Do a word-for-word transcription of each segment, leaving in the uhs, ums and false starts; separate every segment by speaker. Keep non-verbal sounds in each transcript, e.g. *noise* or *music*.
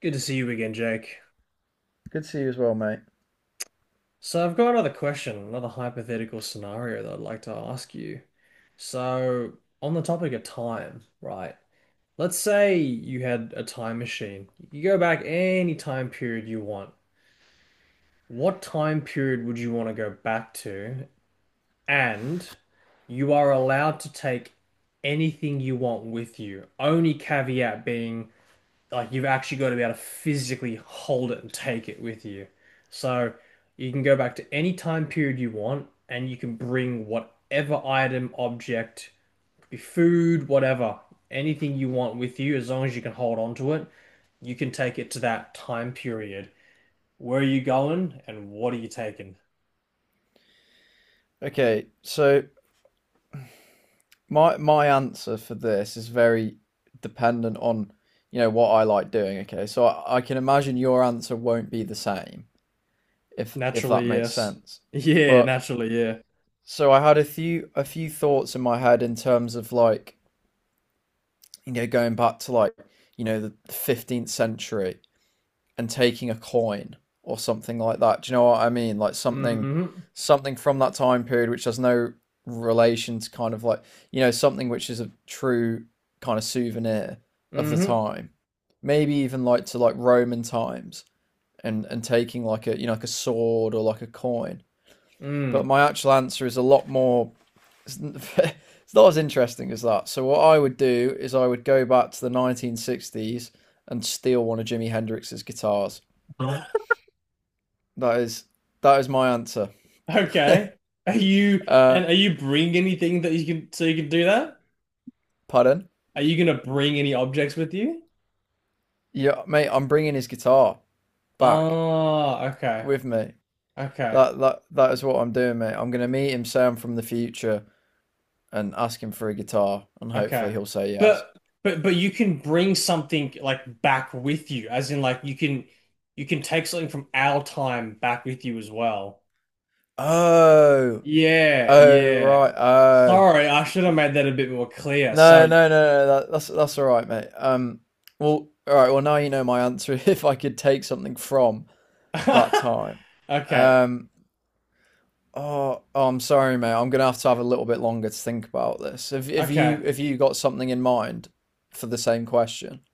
Speaker 1: Good to see you again, Jake.
Speaker 2: Good to see you as well, mate.
Speaker 1: So I've got another question, another hypothetical scenario that I'd like to ask you. So on the topic of time, right? Let's say you had a time machine. You could go back any time period you want. What time period would you want to go back to? And you are allowed to take anything you want with you. Only caveat being like you've actually got to be able to physically hold it and take it with you. So you can go back to any time period you want and you can bring whatever item, object, could be food, whatever, anything you want with you as long as you can hold on to it, you can take it to that time period. Where are you going and what are you taking?
Speaker 2: Okay, so my my answer for this is very dependent on, you know, what I like doing. Okay, so I, I can imagine your answer won't be the same if if that
Speaker 1: Naturally,
Speaker 2: makes
Speaker 1: yes.
Speaker 2: sense.
Speaker 1: *laughs* Yeah,
Speaker 2: But
Speaker 1: naturally, yeah.
Speaker 2: so I had a few a few thoughts in my head in terms of like, you know, going back to like, you know, the fifteenth century and taking a coin or something like that. Do you know what I mean? Like something
Speaker 1: hmm
Speaker 2: something from that time period which has no relation to kind of like, you know, something which is a true kind of souvenir of the
Speaker 1: hmm
Speaker 2: time. Maybe even like to like Roman times and and taking like a, you know, like a sword or like a coin. But
Speaker 1: Mm.
Speaker 2: my actual answer is a lot more. It's *laughs* not as interesting as that. So what I would do is I would go back to the nineteen sixties and steal one of Jimi Hendrix's guitars.
Speaker 1: *laughs*
Speaker 2: That is that is my answer.
Speaker 1: Okay. Are
Speaker 2: *laughs*
Speaker 1: you
Speaker 2: uh,
Speaker 1: and are you bring anything that you can so you can do that?
Speaker 2: Pardon?
Speaker 1: Are you gonna bring any objects with you?
Speaker 2: Yeah, mate. I'm bringing his guitar back
Speaker 1: Oh, okay.
Speaker 2: with me.
Speaker 1: Okay.
Speaker 2: That that that is what I'm doing, mate. I'm gonna meet him, say I'm from the future, and ask him for a guitar, and
Speaker 1: Okay.
Speaker 2: hopefully he'll say yes.
Speaker 1: But but but you can bring something like back with you, as in like you can you can take something from our time back with you as well.
Speaker 2: Oh,
Speaker 1: Yeah,
Speaker 2: oh,
Speaker 1: yeah.
Speaker 2: right. Oh,
Speaker 1: Sorry, I should have made that a bit more clear.
Speaker 2: no,
Speaker 1: Sorry.
Speaker 2: no, no,
Speaker 1: *laughs*
Speaker 2: no. That, that's that's all right, mate. Um, well, all right. Well, now you know my answer. *laughs* If I could take something from that time,
Speaker 1: Okay.
Speaker 2: um. Oh, oh, I'm sorry, mate. I'm gonna have to have a little bit longer to think about this. Have have
Speaker 1: Okay.
Speaker 2: you have you got something in mind for the same question? *laughs*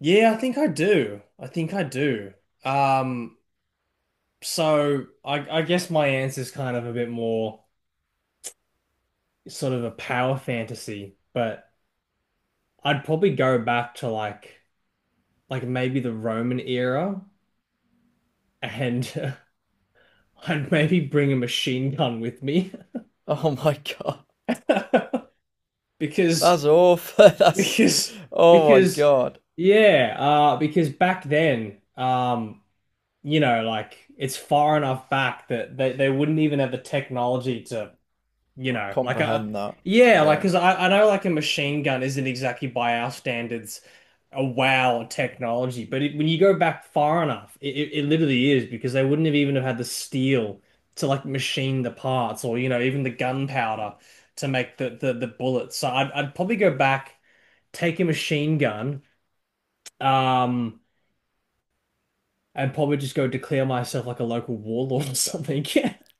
Speaker 1: Yeah, I think I do. I think I do. Um So I, I guess my answer is kind of a bit more sort of a power fantasy, but I'd probably go back to like like maybe the Roman era and *laughs* uh, I'd maybe bring a machine gun with me
Speaker 2: Oh my God.
Speaker 1: *laughs* because
Speaker 2: That's awful. *laughs* That's
Speaker 1: because
Speaker 2: Oh my
Speaker 1: because
Speaker 2: God.
Speaker 1: yeah uh because back then um you know like it's far enough back that they, they wouldn't even have the technology to you know, like a
Speaker 2: Comprehend that.
Speaker 1: yeah, like
Speaker 2: Yeah.
Speaker 1: because I, I know like a machine gun isn't exactly by our standards a wow technology, but it, when you go back far enough, it, it, it literally is because they wouldn't have even have had the steel to like machine the parts or you know even the gunpowder to make the the, the bullets. So I'd I'd probably go back, take a machine gun, um, and probably just go declare myself like a local warlord or something. *laughs*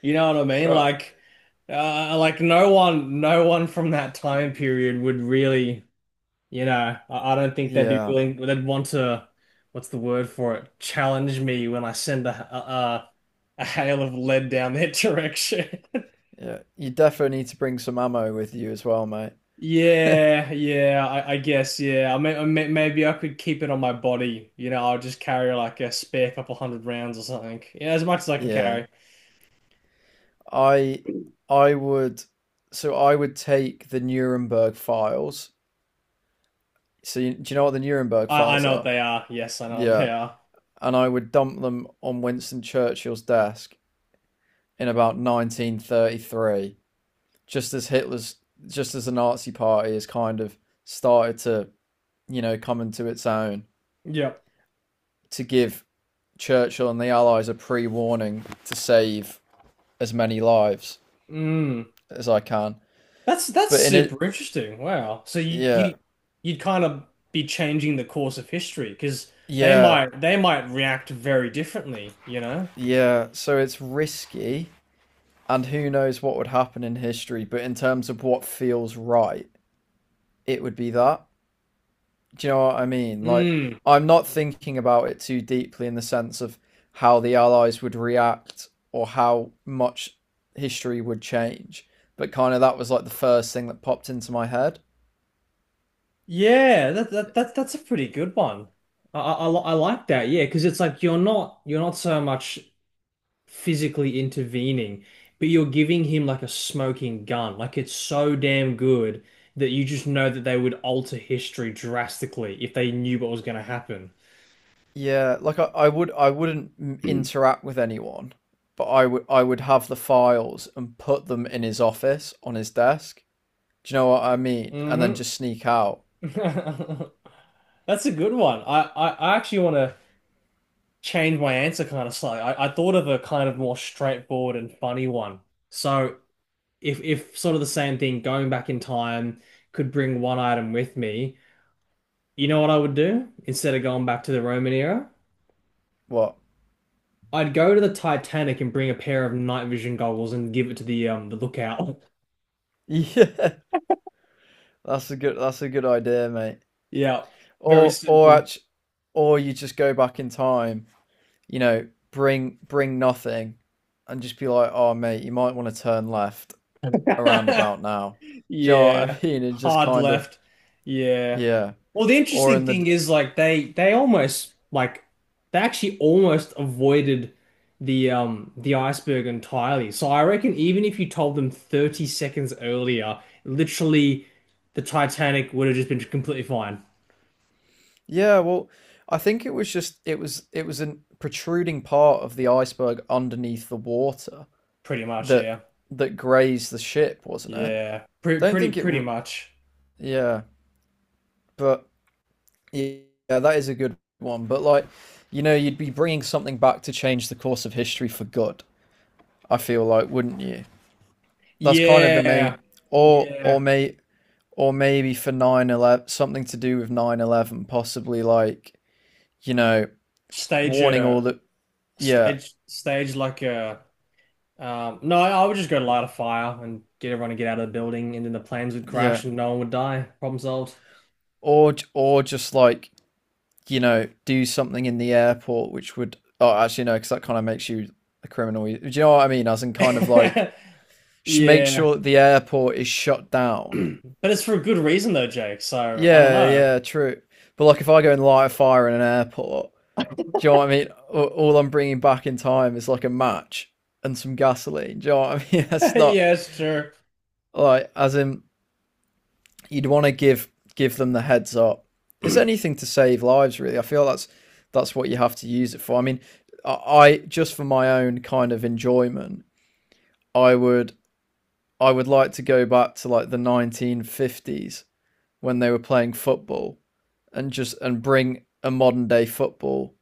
Speaker 1: You know what I mean?
Speaker 2: Right.
Speaker 1: Like, uh, like no one, no one from that time period would really, you know, I, I don't think they'd be
Speaker 2: Yeah.
Speaker 1: willing, they'd want to, what's the word for it? Challenge me when I send a, a, a hail of lead down their *laughs* direction.
Speaker 2: Yeah. You definitely need to bring some ammo with you as well, mate.
Speaker 1: Yeah, yeah, I, I guess, yeah. I mean, I may, maybe I could keep it on my body. You know, I'll just carry like a spare couple hundred rounds or something. Yeah, as much as I can
Speaker 2: Yeah.
Speaker 1: carry.
Speaker 2: I I would so I would take the Nuremberg files. So you, do you know what the Nuremberg
Speaker 1: I, I
Speaker 2: files
Speaker 1: know what
Speaker 2: are?
Speaker 1: they are. Yes, I know what they
Speaker 2: Yeah.
Speaker 1: are.
Speaker 2: And I would dump them on Winston Churchill's desk in about nineteen thirty-three, just as Hitler's, just as the Nazi Party has kind of started to, you know, come into its own,
Speaker 1: Yep.
Speaker 2: to give Churchill and the Allies a pre-warning to save as many lives
Speaker 1: Mm.
Speaker 2: as I can.
Speaker 1: That's that's
Speaker 2: But in it,
Speaker 1: super interesting. Wow. So you you
Speaker 2: yeah,
Speaker 1: you'd kind of be changing the course of history because they
Speaker 2: yeah,
Speaker 1: might they might react very differently, you know?
Speaker 2: yeah. So it's risky, and who knows what would happen in history. But in terms of what feels right, it would be that. Do you know what I mean? Like,
Speaker 1: Mm.
Speaker 2: I'm not thinking about it too deeply in the sense of how the Allies would react or how much history would change, but kind of that was like the first thing that popped into my head.
Speaker 1: Yeah, that, that that that's a pretty good one. I I, I li- I like that. Yeah, because it's like you're not you're not so much physically intervening, but you're giving him like a smoking gun. Like it's so damn good that you just know that they would alter history drastically if they knew what was going to happen.
Speaker 2: Yeah, like I, I would I wouldn't interact with anyone, but I would I would have the files and put them in his office on his desk. Do you know what I mean? And then
Speaker 1: hmm
Speaker 2: just sneak out.
Speaker 1: *laughs* That's a good one. I, I, I actually want to change my answer kind of slightly. I, I thought of a kind of more straightforward and funny one. So if if sort of the same thing, going back in time could bring one item with me, you know what I would do instead of going back to the Roman era?
Speaker 2: What? *laughs*
Speaker 1: I'd go to the Titanic and bring a pair of night vision goggles and give it to the um the lookout. *laughs*
Speaker 2: Yeah, that's a good that's a good idea, mate.
Speaker 1: Yeah, very
Speaker 2: Or or
Speaker 1: simple.
Speaker 2: actually, or you just go back in time, you know, bring bring nothing, and just be like, oh mate, you might want to turn left around about
Speaker 1: *laughs*
Speaker 2: now. Do you know what I *laughs*
Speaker 1: Yeah,
Speaker 2: mean? It's just
Speaker 1: hard
Speaker 2: kind of
Speaker 1: left. Yeah.
Speaker 2: yeah,
Speaker 1: Well, the
Speaker 2: or
Speaker 1: interesting
Speaker 2: in
Speaker 1: thing
Speaker 2: the
Speaker 1: is like they they almost like they actually almost avoided the um the iceberg entirely. So I reckon even if you told them thirty seconds earlier, literally the Titanic would have just been completely fine.
Speaker 2: yeah. Well, I think it was just it was it was a protruding part of the iceberg underneath the water
Speaker 1: Pretty much,
Speaker 2: that
Speaker 1: yeah.
Speaker 2: that grazed the ship, wasn't it?
Speaker 1: Yeah. Pretty
Speaker 2: Don't
Speaker 1: pretty
Speaker 2: think it.
Speaker 1: pretty
Speaker 2: R-
Speaker 1: much.
Speaker 2: Yeah, but yeah, that is a good one. But like, you know, you'd be bringing something back to change the course of history for good. I feel like, wouldn't you? That's kind of the
Speaker 1: Yeah.
Speaker 2: main, or or
Speaker 1: Yeah.
Speaker 2: may or maybe for nine eleven, something to do with nine eleven, possibly like, you know,
Speaker 1: Stage
Speaker 2: warning all
Speaker 1: a
Speaker 2: the yeah
Speaker 1: stage stage like a Um, no, I would just go light a fire and get everyone to get out of the building, and then the planes would
Speaker 2: yeah,
Speaker 1: crash and no one would die. Problem solved.
Speaker 2: or or just like, you know, do something in the airport which would oh actually no, because that kind of makes you a criminal. Do you know what I mean? As in kind of like
Speaker 1: *laughs*
Speaker 2: make
Speaker 1: Yeah.
Speaker 2: sure that the airport is shut
Speaker 1: *clears throat*
Speaker 2: down.
Speaker 1: But it's for a good reason, though, Jake. So I don't
Speaker 2: Yeah,
Speaker 1: know.
Speaker 2: yeah, true. But like, if I go and light a fire in an airport, do you know what I mean? All, all I'm bringing back in time is like a match and some gasoline. Do you know what I mean? *laughs*
Speaker 1: *laughs*
Speaker 2: That's not
Speaker 1: Yeah, it's true.
Speaker 2: like, as in, you'd want to give give them the heads up. It's anything to save lives, really. I feel that's that's what you have to use it for. I mean, I, I just for my own kind of enjoyment, I would I would like to go back to like the nineteen fifties when they were playing football and just and bring a modern day football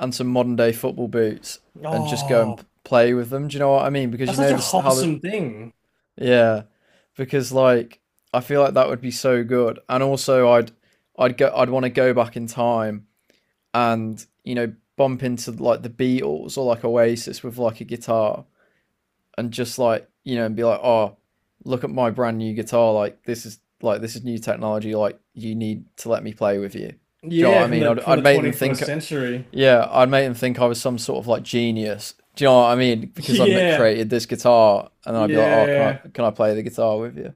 Speaker 2: and some modern day football boots and just go
Speaker 1: Oh,
Speaker 2: and play with them. Do you know what I mean? Because
Speaker 1: that's
Speaker 2: you
Speaker 1: such
Speaker 2: know
Speaker 1: a
Speaker 2: this how the
Speaker 1: wholesome thing.
Speaker 2: yeah, because like I feel like that would be so good, and also I'd I'd go I'd want to go back in time and, you know, bump into like the Beatles or like Oasis with like a guitar and just like, you know, and be like, oh, look at my brand new guitar, like this is like this is new technology, like you need to let me play with you. Do you know what
Speaker 1: Yeah,
Speaker 2: I
Speaker 1: from
Speaker 2: mean?
Speaker 1: the
Speaker 2: I'd
Speaker 1: from the
Speaker 2: I'd make them think
Speaker 1: twenty-first century. *laughs*
Speaker 2: yeah, I'd make them think I was some sort of like genius. Do you know what I mean? Because I've
Speaker 1: Yeah,
Speaker 2: created this guitar, and I'd be like, "Oh, can
Speaker 1: yeah.
Speaker 2: I can I play the guitar with you?"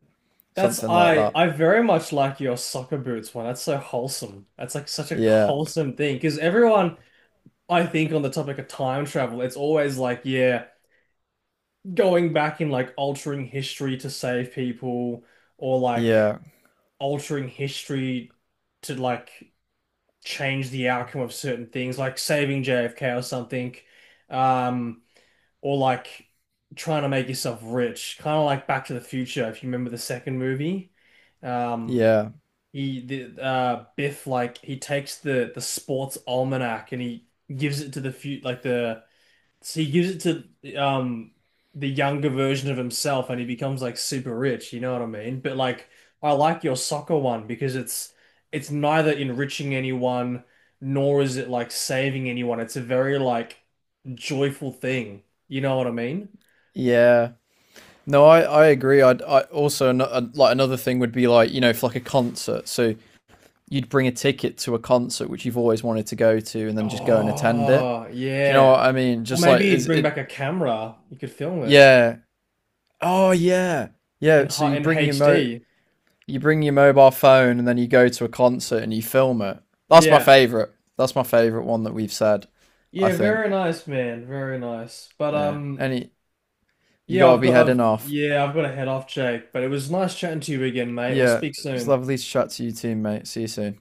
Speaker 1: That's
Speaker 2: Something like
Speaker 1: I
Speaker 2: that.
Speaker 1: I very much like your soccer boots one. That's so wholesome. That's like such a
Speaker 2: Yeah,
Speaker 1: wholesome thing because everyone I think on the topic of time travel, it's always like, yeah, going back and like altering history to save people or like
Speaker 2: yeah,
Speaker 1: altering history to like change the outcome of certain things, like saving J F K or something, um, or like trying to make yourself rich, kind of like Back to the Future, if you remember the second movie. Um,
Speaker 2: yeah,
Speaker 1: he the uh Biff like he takes the the sports almanac and he gives it to the few like the so he gives it to um the younger version of himself and he becomes like super rich, you know what I mean? But like I like your soccer one because it's it's neither enriching anyone nor is it like saving anyone. It's a very like joyful thing. You know what I mean?
Speaker 2: yeah. No, I I agree. I'd I also uh, like another thing would be like, you know, for like a concert. So you'd bring a ticket to a concert which you've always wanted to go to, and then just go and attend it.
Speaker 1: Oh,
Speaker 2: Do you know what
Speaker 1: yeah.
Speaker 2: I mean?
Speaker 1: Or
Speaker 2: Just like,
Speaker 1: maybe he'd
Speaker 2: is
Speaker 1: bring
Speaker 2: it?
Speaker 1: back a camera. You could film it
Speaker 2: Yeah. Oh yeah. Yeah.
Speaker 1: in
Speaker 2: So
Speaker 1: high
Speaker 2: you
Speaker 1: in
Speaker 2: bring your mo
Speaker 1: H D.
Speaker 2: you bring your mobile phone and then you go to a concert and you film it. That's my
Speaker 1: Yeah.
Speaker 2: favorite. That's my favorite one that we've said. I
Speaker 1: Yeah,
Speaker 2: think.
Speaker 1: very nice, man. Very nice. But
Speaker 2: Yeah.
Speaker 1: um
Speaker 2: Any you
Speaker 1: Yeah,
Speaker 2: gotta
Speaker 1: I've
Speaker 2: be
Speaker 1: got I've
Speaker 2: heading off.
Speaker 1: yeah, I've got to head off, Jake, but it was nice chatting to you again, mate. We'll
Speaker 2: Yeah.
Speaker 1: speak
Speaker 2: It's
Speaker 1: soon.
Speaker 2: lovely to chat to you too, mate. See you soon.